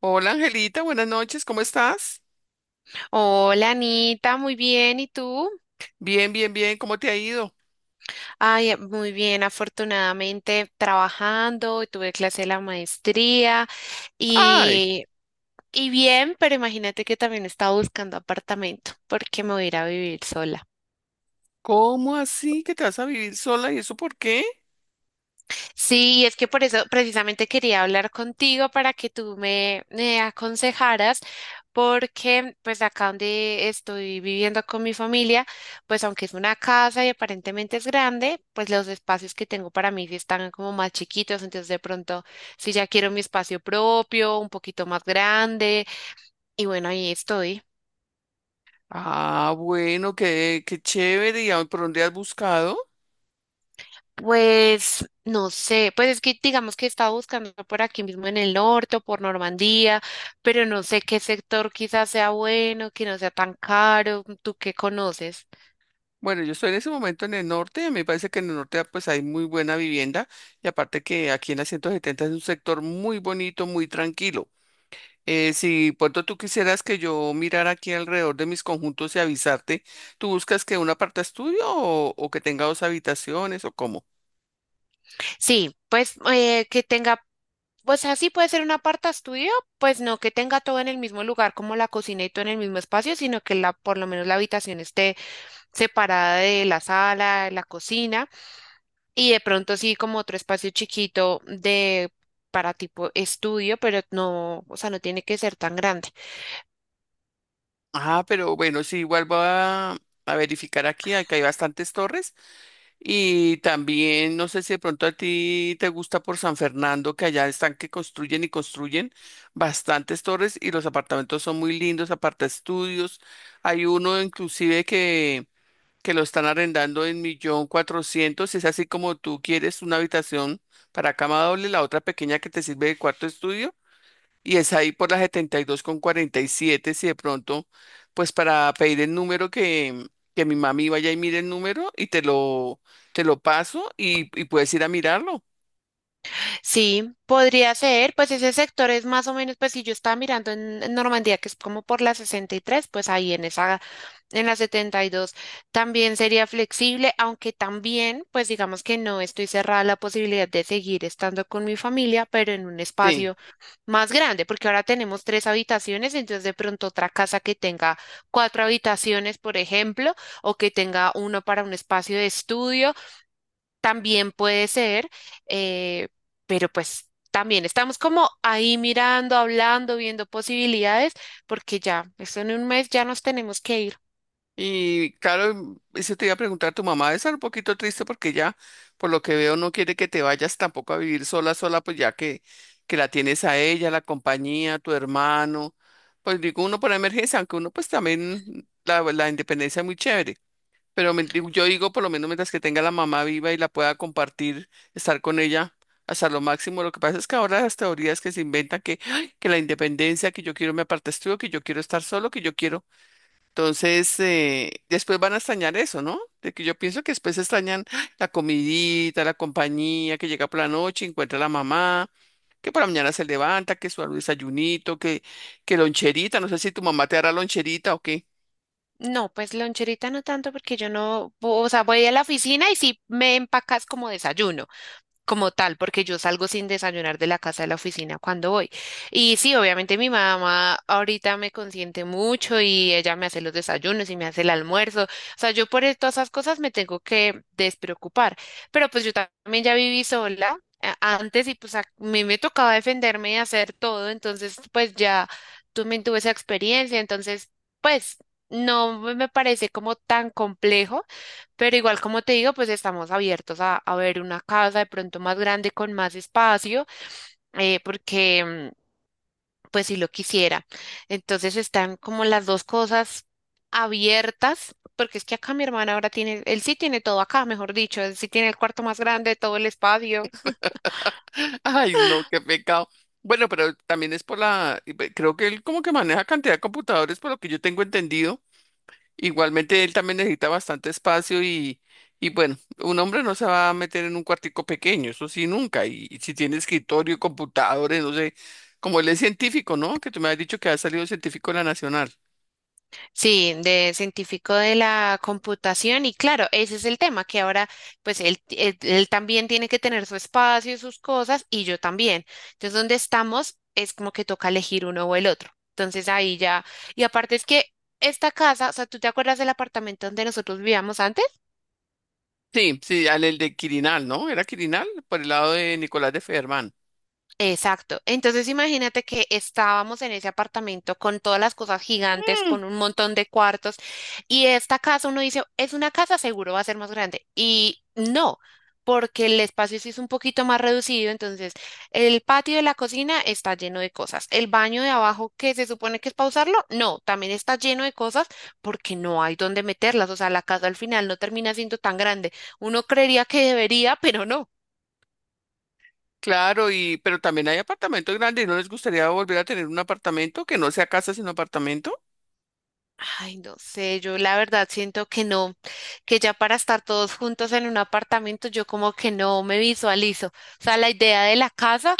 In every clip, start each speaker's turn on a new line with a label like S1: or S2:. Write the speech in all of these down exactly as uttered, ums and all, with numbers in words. S1: Hola Angelita, buenas noches, ¿cómo estás?
S2: Hola Anita, muy bien, ¿y tú?
S1: Bien, bien, bien, ¿cómo te ha ido?
S2: Ay, eh, muy bien, afortunadamente trabajando, tuve clase de la maestría
S1: Ay,
S2: y, y bien, pero imagínate que también estaba buscando apartamento porque me voy a ir a vivir sola.
S1: ¿cómo así que te vas a vivir sola y eso por qué?
S2: Sí, es que por eso precisamente quería hablar contigo para que tú me, me aconsejaras, porque pues acá donde estoy viviendo con mi familia, pues aunque es una casa y aparentemente es grande, pues los espacios que tengo para mí sí están como más chiquitos, entonces de pronto si ya quiero mi espacio propio, un poquito más grande, y bueno, ahí estoy.
S1: Ah, bueno, qué, qué chévere, ¿y a- por dónde has buscado?
S2: Pues no sé, pues es que digamos que estaba buscando por aquí mismo en el norte o por Normandía, pero no sé qué sector quizás sea bueno, que no sea tan caro, ¿tú qué conoces?
S1: Bueno, yo estoy en ese momento en el norte, a mí me parece que en el norte pues hay muy buena vivienda y aparte que aquí en la ciento setenta es un sector muy bonito, muy tranquilo. Eh, si pronto tú quisieras que yo mirara aquí alrededor de mis conjuntos y avisarte, ¿tú buscas que un aparta estudio o, o que tenga dos habitaciones o cómo?
S2: Sí, pues eh, que tenga, o sea, sí puede ser un aparta estudio, pues no que tenga todo en el mismo lugar como la cocina y todo en el mismo espacio, sino que la, por lo menos la habitación esté separada de la sala, de la cocina. Y de pronto sí, como otro espacio chiquito de para tipo estudio, pero no, o sea, no tiene que ser tan grande.
S1: Ah, pero bueno, sí, igual voy a, a verificar aquí, aquí hay bastantes torres y también no sé si de pronto a ti te gusta por San Fernando, que allá están que construyen y construyen bastantes torres y los apartamentos son muy lindos, aparte estudios, hay uno inclusive que, que lo están arrendando en millón cuatrocientos, es así como tú quieres una habitación para cama doble, la otra pequeña que te sirve de cuarto estudio y es ahí por la setenta y dos con cuarenta y siete si de pronto, pues para pedir el número que, que mi mami vaya y mire el número y te lo, te lo paso y, y puedes ir a mirarlo.
S2: Sí, podría ser, pues ese sector es más o menos, pues si yo estaba mirando en, en Normandía, que es como por la sesenta y tres pues ahí en esa. En la setenta y dos también sería flexible, aunque también, pues digamos que no estoy cerrada a la posibilidad de seguir estando con mi familia, pero en un
S1: Sí.
S2: espacio más grande, porque ahora tenemos tres habitaciones, entonces de pronto otra casa que tenga cuatro habitaciones, por ejemplo, o que tenga uno para un espacio de estudio, también puede ser, eh, pero pues también estamos como ahí mirando, hablando, viendo posibilidades, porque ya, eso en un mes ya nos tenemos que ir.
S1: Y claro, eso te iba a preguntar, tu mamá debe estar un poquito triste porque ya, por lo que veo, no quiere que te vayas tampoco a vivir sola, sola, pues ya que, que la tienes a ella, la compañía, tu hermano, pues digo uno por emergencia, aunque uno pues también la, la independencia es muy chévere. Pero me- digo- yo digo, por lo menos mientras que tenga la mamá viva y la pueda compartir, estar con ella hasta lo máximo. Lo que pasa es que ahora las teorías que se inventan que, ¡ay! Que la independencia, que yo quiero me aparte estudio, que yo quiero estar solo, que yo quiero. Entonces, eh, después van a extrañar eso, ¿no? De que yo pienso que después extrañan ¡ay! La comidita, la compañía, que llega por la noche, encuentra a la mamá, que por la mañana se levanta, que su desayunito, que, que loncherita, no sé si tu mamá te hará loncherita o qué.
S2: No, pues loncherita no tanto porque yo no, o sea, voy a la oficina y sí me empacas como desayuno como tal, porque yo salgo sin desayunar de la casa de la oficina cuando voy. Y sí, obviamente mi mamá ahorita me consiente mucho y ella me hace los desayunos y me hace el almuerzo. O sea, yo por e, todas esas cosas me tengo que despreocupar. Pero pues yo también ya viví sola a- antes y pues a mí me tocaba defenderme y hacer todo, entonces pues ya también tuve esa experiencia, entonces pues no me me parece como tan complejo. Pero igual, como te digo, pues estamos abiertos a, a ver una casa de pronto más grande con más espacio, eh, porque mm, pues si lo quisiera. Entonces están como las dos cosas abiertas, porque es que acá mi hermana ahora tiene, él sí tiene todo acá, mejor dicho, él sí tiene el cuarto más grande, todo el espacio.
S1: Ay, no, qué pecado. Bueno, pero también es por la, creo que él como que maneja cantidad de computadores, por lo que yo tengo entendido. Igualmente él también necesita bastante espacio y, y bueno, un hombre no se va a meter en un cuartico pequeño, eso sí, nunca. Y, y si tiene escritorio, computadores, no sé, como él es científico, ¿no? Que tú me has dicho que ha salido científico de la Nacional.
S2: Sí, de científico de la computación y claro, ese es el tema, que ahora pues él, él- él también tiene que tener su espacio y sus cosas y yo también. Entonces, donde estamos es como que toca elegir uno o el otro. Entonces ahí ya, y aparte es que esta casa, o sea, ¿tú te acuerdas del apartamento donde nosotros vivíamos antes?
S1: Sí, sí, al el de Quirinal, ¿no? Era Quirinal, por el lado de Nicolás de Federman.
S2: Exacto. Entonces imagínate que estábamos en ese apartamento con todas las cosas gigantes, con un montón de cuartos, y esta casa uno dice, es una casa, seguro va a ser más grande. Y no, porque el espacio sí es un poquito más reducido, entonces el patio de la cocina está lleno de cosas. El baño de abajo, que se supone que es para usarlo, no, también está lleno de cosas porque no hay dónde meterlas. O sea, la casa al final no termina siendo tan grande. Uno creería que debería, pero no.
S1: Claro, y pero también hay apartamentos grandes. ¿No les gustaría volver a tener un apartamento que no sea casa sino apartamento?
S2: Ay, no sé, yo la verdad siento que no, que ya para estar todos juntos en un apartamento, yo como que no me visualizo. O sea, la idea de la casa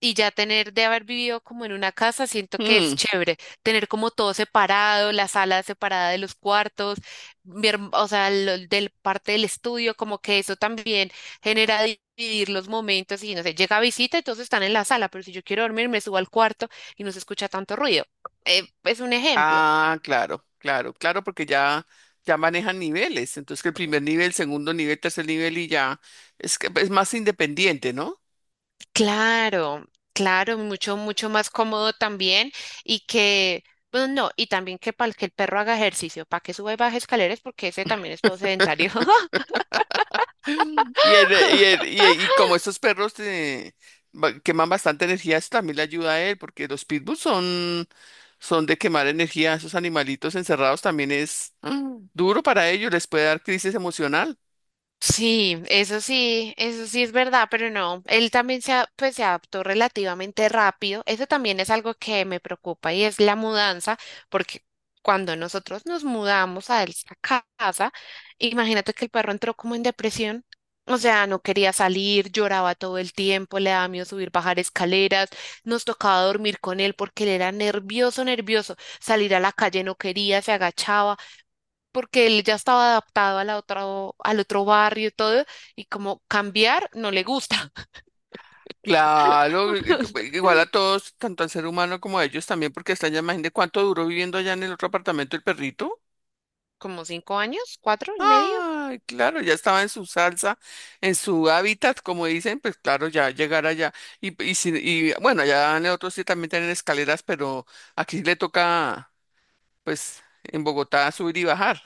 S2: y ya tener de haber vivido como en una casa, siento que es
S1: Mm.
S2: chévere. Tener como todo separado, la sala separada de los cuartos, mi herm- o sea, lo- del parte del estudio, como que eso también genera di- dividir los momentos y no sé, llega visita y todos están en la sala, pero si yo quiero dormir, me subo al cuarto y no se escucha tanto ruido. Eh, es un ejemplo.
S1: Ah, claro, claro, claro, porque ya ya manejan niveles. Entonces que el primer nivel, segundo nivel, tercer nivel y ya es que es más independiente, ¿no?
S2: Claro, claro, mucho, mucho más cómodo también y que, bueno, no, y también que para que el perro haga ejercicio, para que suba y baje escaleras, porque ese también es todo sedentario.
S1: Y, el- y, el- y, y como estos perros eh, ba- queman bastante energía, eso también le ayuda a él, porque los pitbulls son, son de quemar energía. Esos animalitos encerrados también es mm, duro para ellos, les puede dar crisis emocional.
S2: Sí, eso sí, eso sí es verdad, pero no, él también se, a- pues, se adaptó relativamente rápido. Eso también es algo que me preocupa y es la mudanza, porque cuando nosotros nos mudamos a esa casa, imagínate que el perro entró como en depresión, o sea, no quería salir, lloraba todo el tiempo, le daba miedo subir, bajar escaleras, nos tocaba dormir con él porque él era nervioso, nervioso, salir a la calle no quería, se agachaba porque él ya estaba adaptado a la otra, al otro barrio y todo, y como cambiar no le gusta.
S1: Claro, i- i- igual a todos, tanto al ser humano como a ellos también, porque está ya, imagínate cuánto duró viviendo allá en el otro apartamento el perrito.
S2: Como cinco años, cuatro y medio.
S1: Ay, claro, ya estaba en su salsa, en su hábitat, como dicen, pues claro, ya llegar allá. Y, y, si- y bueno, allá en el otro sí también tienen escaleras, pero aquí le toca, pues, en Bogotá subir y bajar.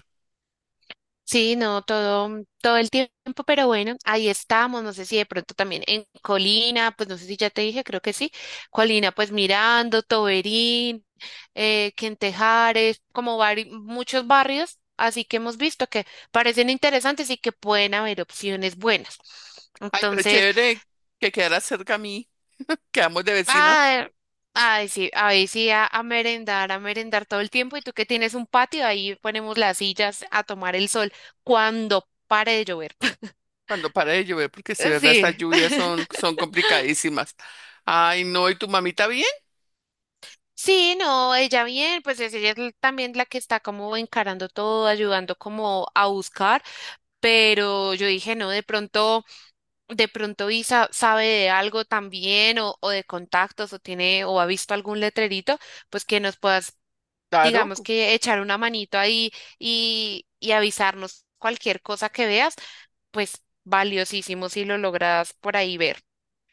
S2: Sí, no, todo, mm, todo el tiempo, pero bueno, ahí estamos, no sé si de pronto también en Colina, pues no sé si ya te dije, creo que sí, Colina, pues Mirando, Toberín, eh, Quentejares, como vari- muchos barrios, así que hemos visto que parecen interesantes y que pueden haber opciones buenas.
S1: Ay, pero
S2: Entonces,
S1: chévere que quedara cerca a mí, quedamos de vecinas.
S2: ah, ay, sí, ahí sí, a, a merendar, a merendar todo el tiempo. Y tú que tienes un patio, ahí ponemos las sillas a tomar el sol cuando pare de llover.
S1: Cuando para de llover, porque si verdad, estas
S2: Sí.
S1: lluvias son, son complicadísimas. Ay, no, ¿y tu mamita bien?
S2: Sí, no, ella bien, pues es ella es l- también la que está como encarando todo, ayudando como a buscar, pero yo dije, no, de pronto, de pronto Isa sabe de algo también o, o de contactos o tiene o ha visto algún letrerito, pues que nos pueda
S1: Claro.
S2: digamos que echar una manito ahí y, y avisarnos cualquier cosa que veas, pues valiosísimo si lo logras por ahí ver.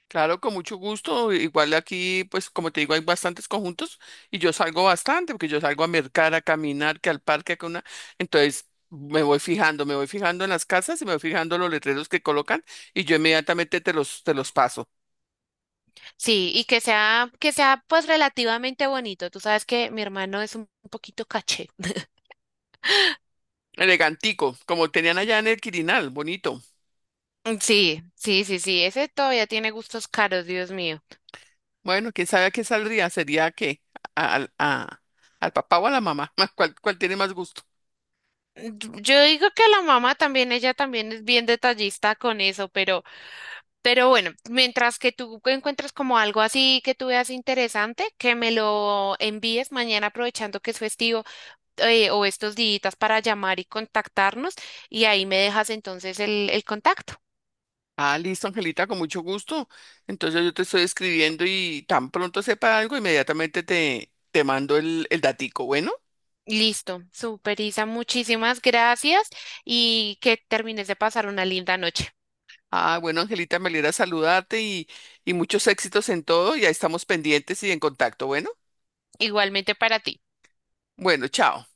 S1: Claro, con mucho gusto. Igual aquí, pues como te digo, hay bastantes conjuntos y yo salgo bastante, porque yo salgo a mercar, a caminar, que al parque, que una. Entonces me voy fijando, me voy fijando en las casas y me voy fijando los letreros que colocan y yo inmediatamente te los, te los paso.
S2: Sí, y que sea, que sea pues relativamente bonito. Tú sabes que mi hermano es un poquito caché.
S1: Elegantico, como tenían allá en el Quirinal, bonito.
S2: Mm, sí, sí, sí, sí, ese todavía tiene gustos caros, Dios mío.
S1: Bueno, quién sabe a qué saldría, sería que al, a- al papá o a la mamá, ¿cuál, cuál tiene más gusto?
S2: Yo yo digo que la mamá también, ella también es bien detallista con eso, pero Pero bueno, mientras que tú encuentras como algo así que tú veas interesante, que me lo envíes mañana aprovechando que es festivo, eh, o estos días para llamar y contactarnos y ahí me dejas entonces el, el contacto.
S1: Ah, listo, Angelita, con mucho gusto. Entonces yo te estoy escribiendo y tan pronto sepa algo, inmediatamente te, te mando el, el datico, ¿bueno?
S2: Listo, super Isa, muchísimas gracias y que termines de pasar una linda noche.
S1: Ah, bueno, Angelita, me alegra saludarte y, y muchos éxitos en todo. Ya estamos pendientes y en contacto, ¿bueno?
S2: Igualmente para ti.
S1: Bueno, chao.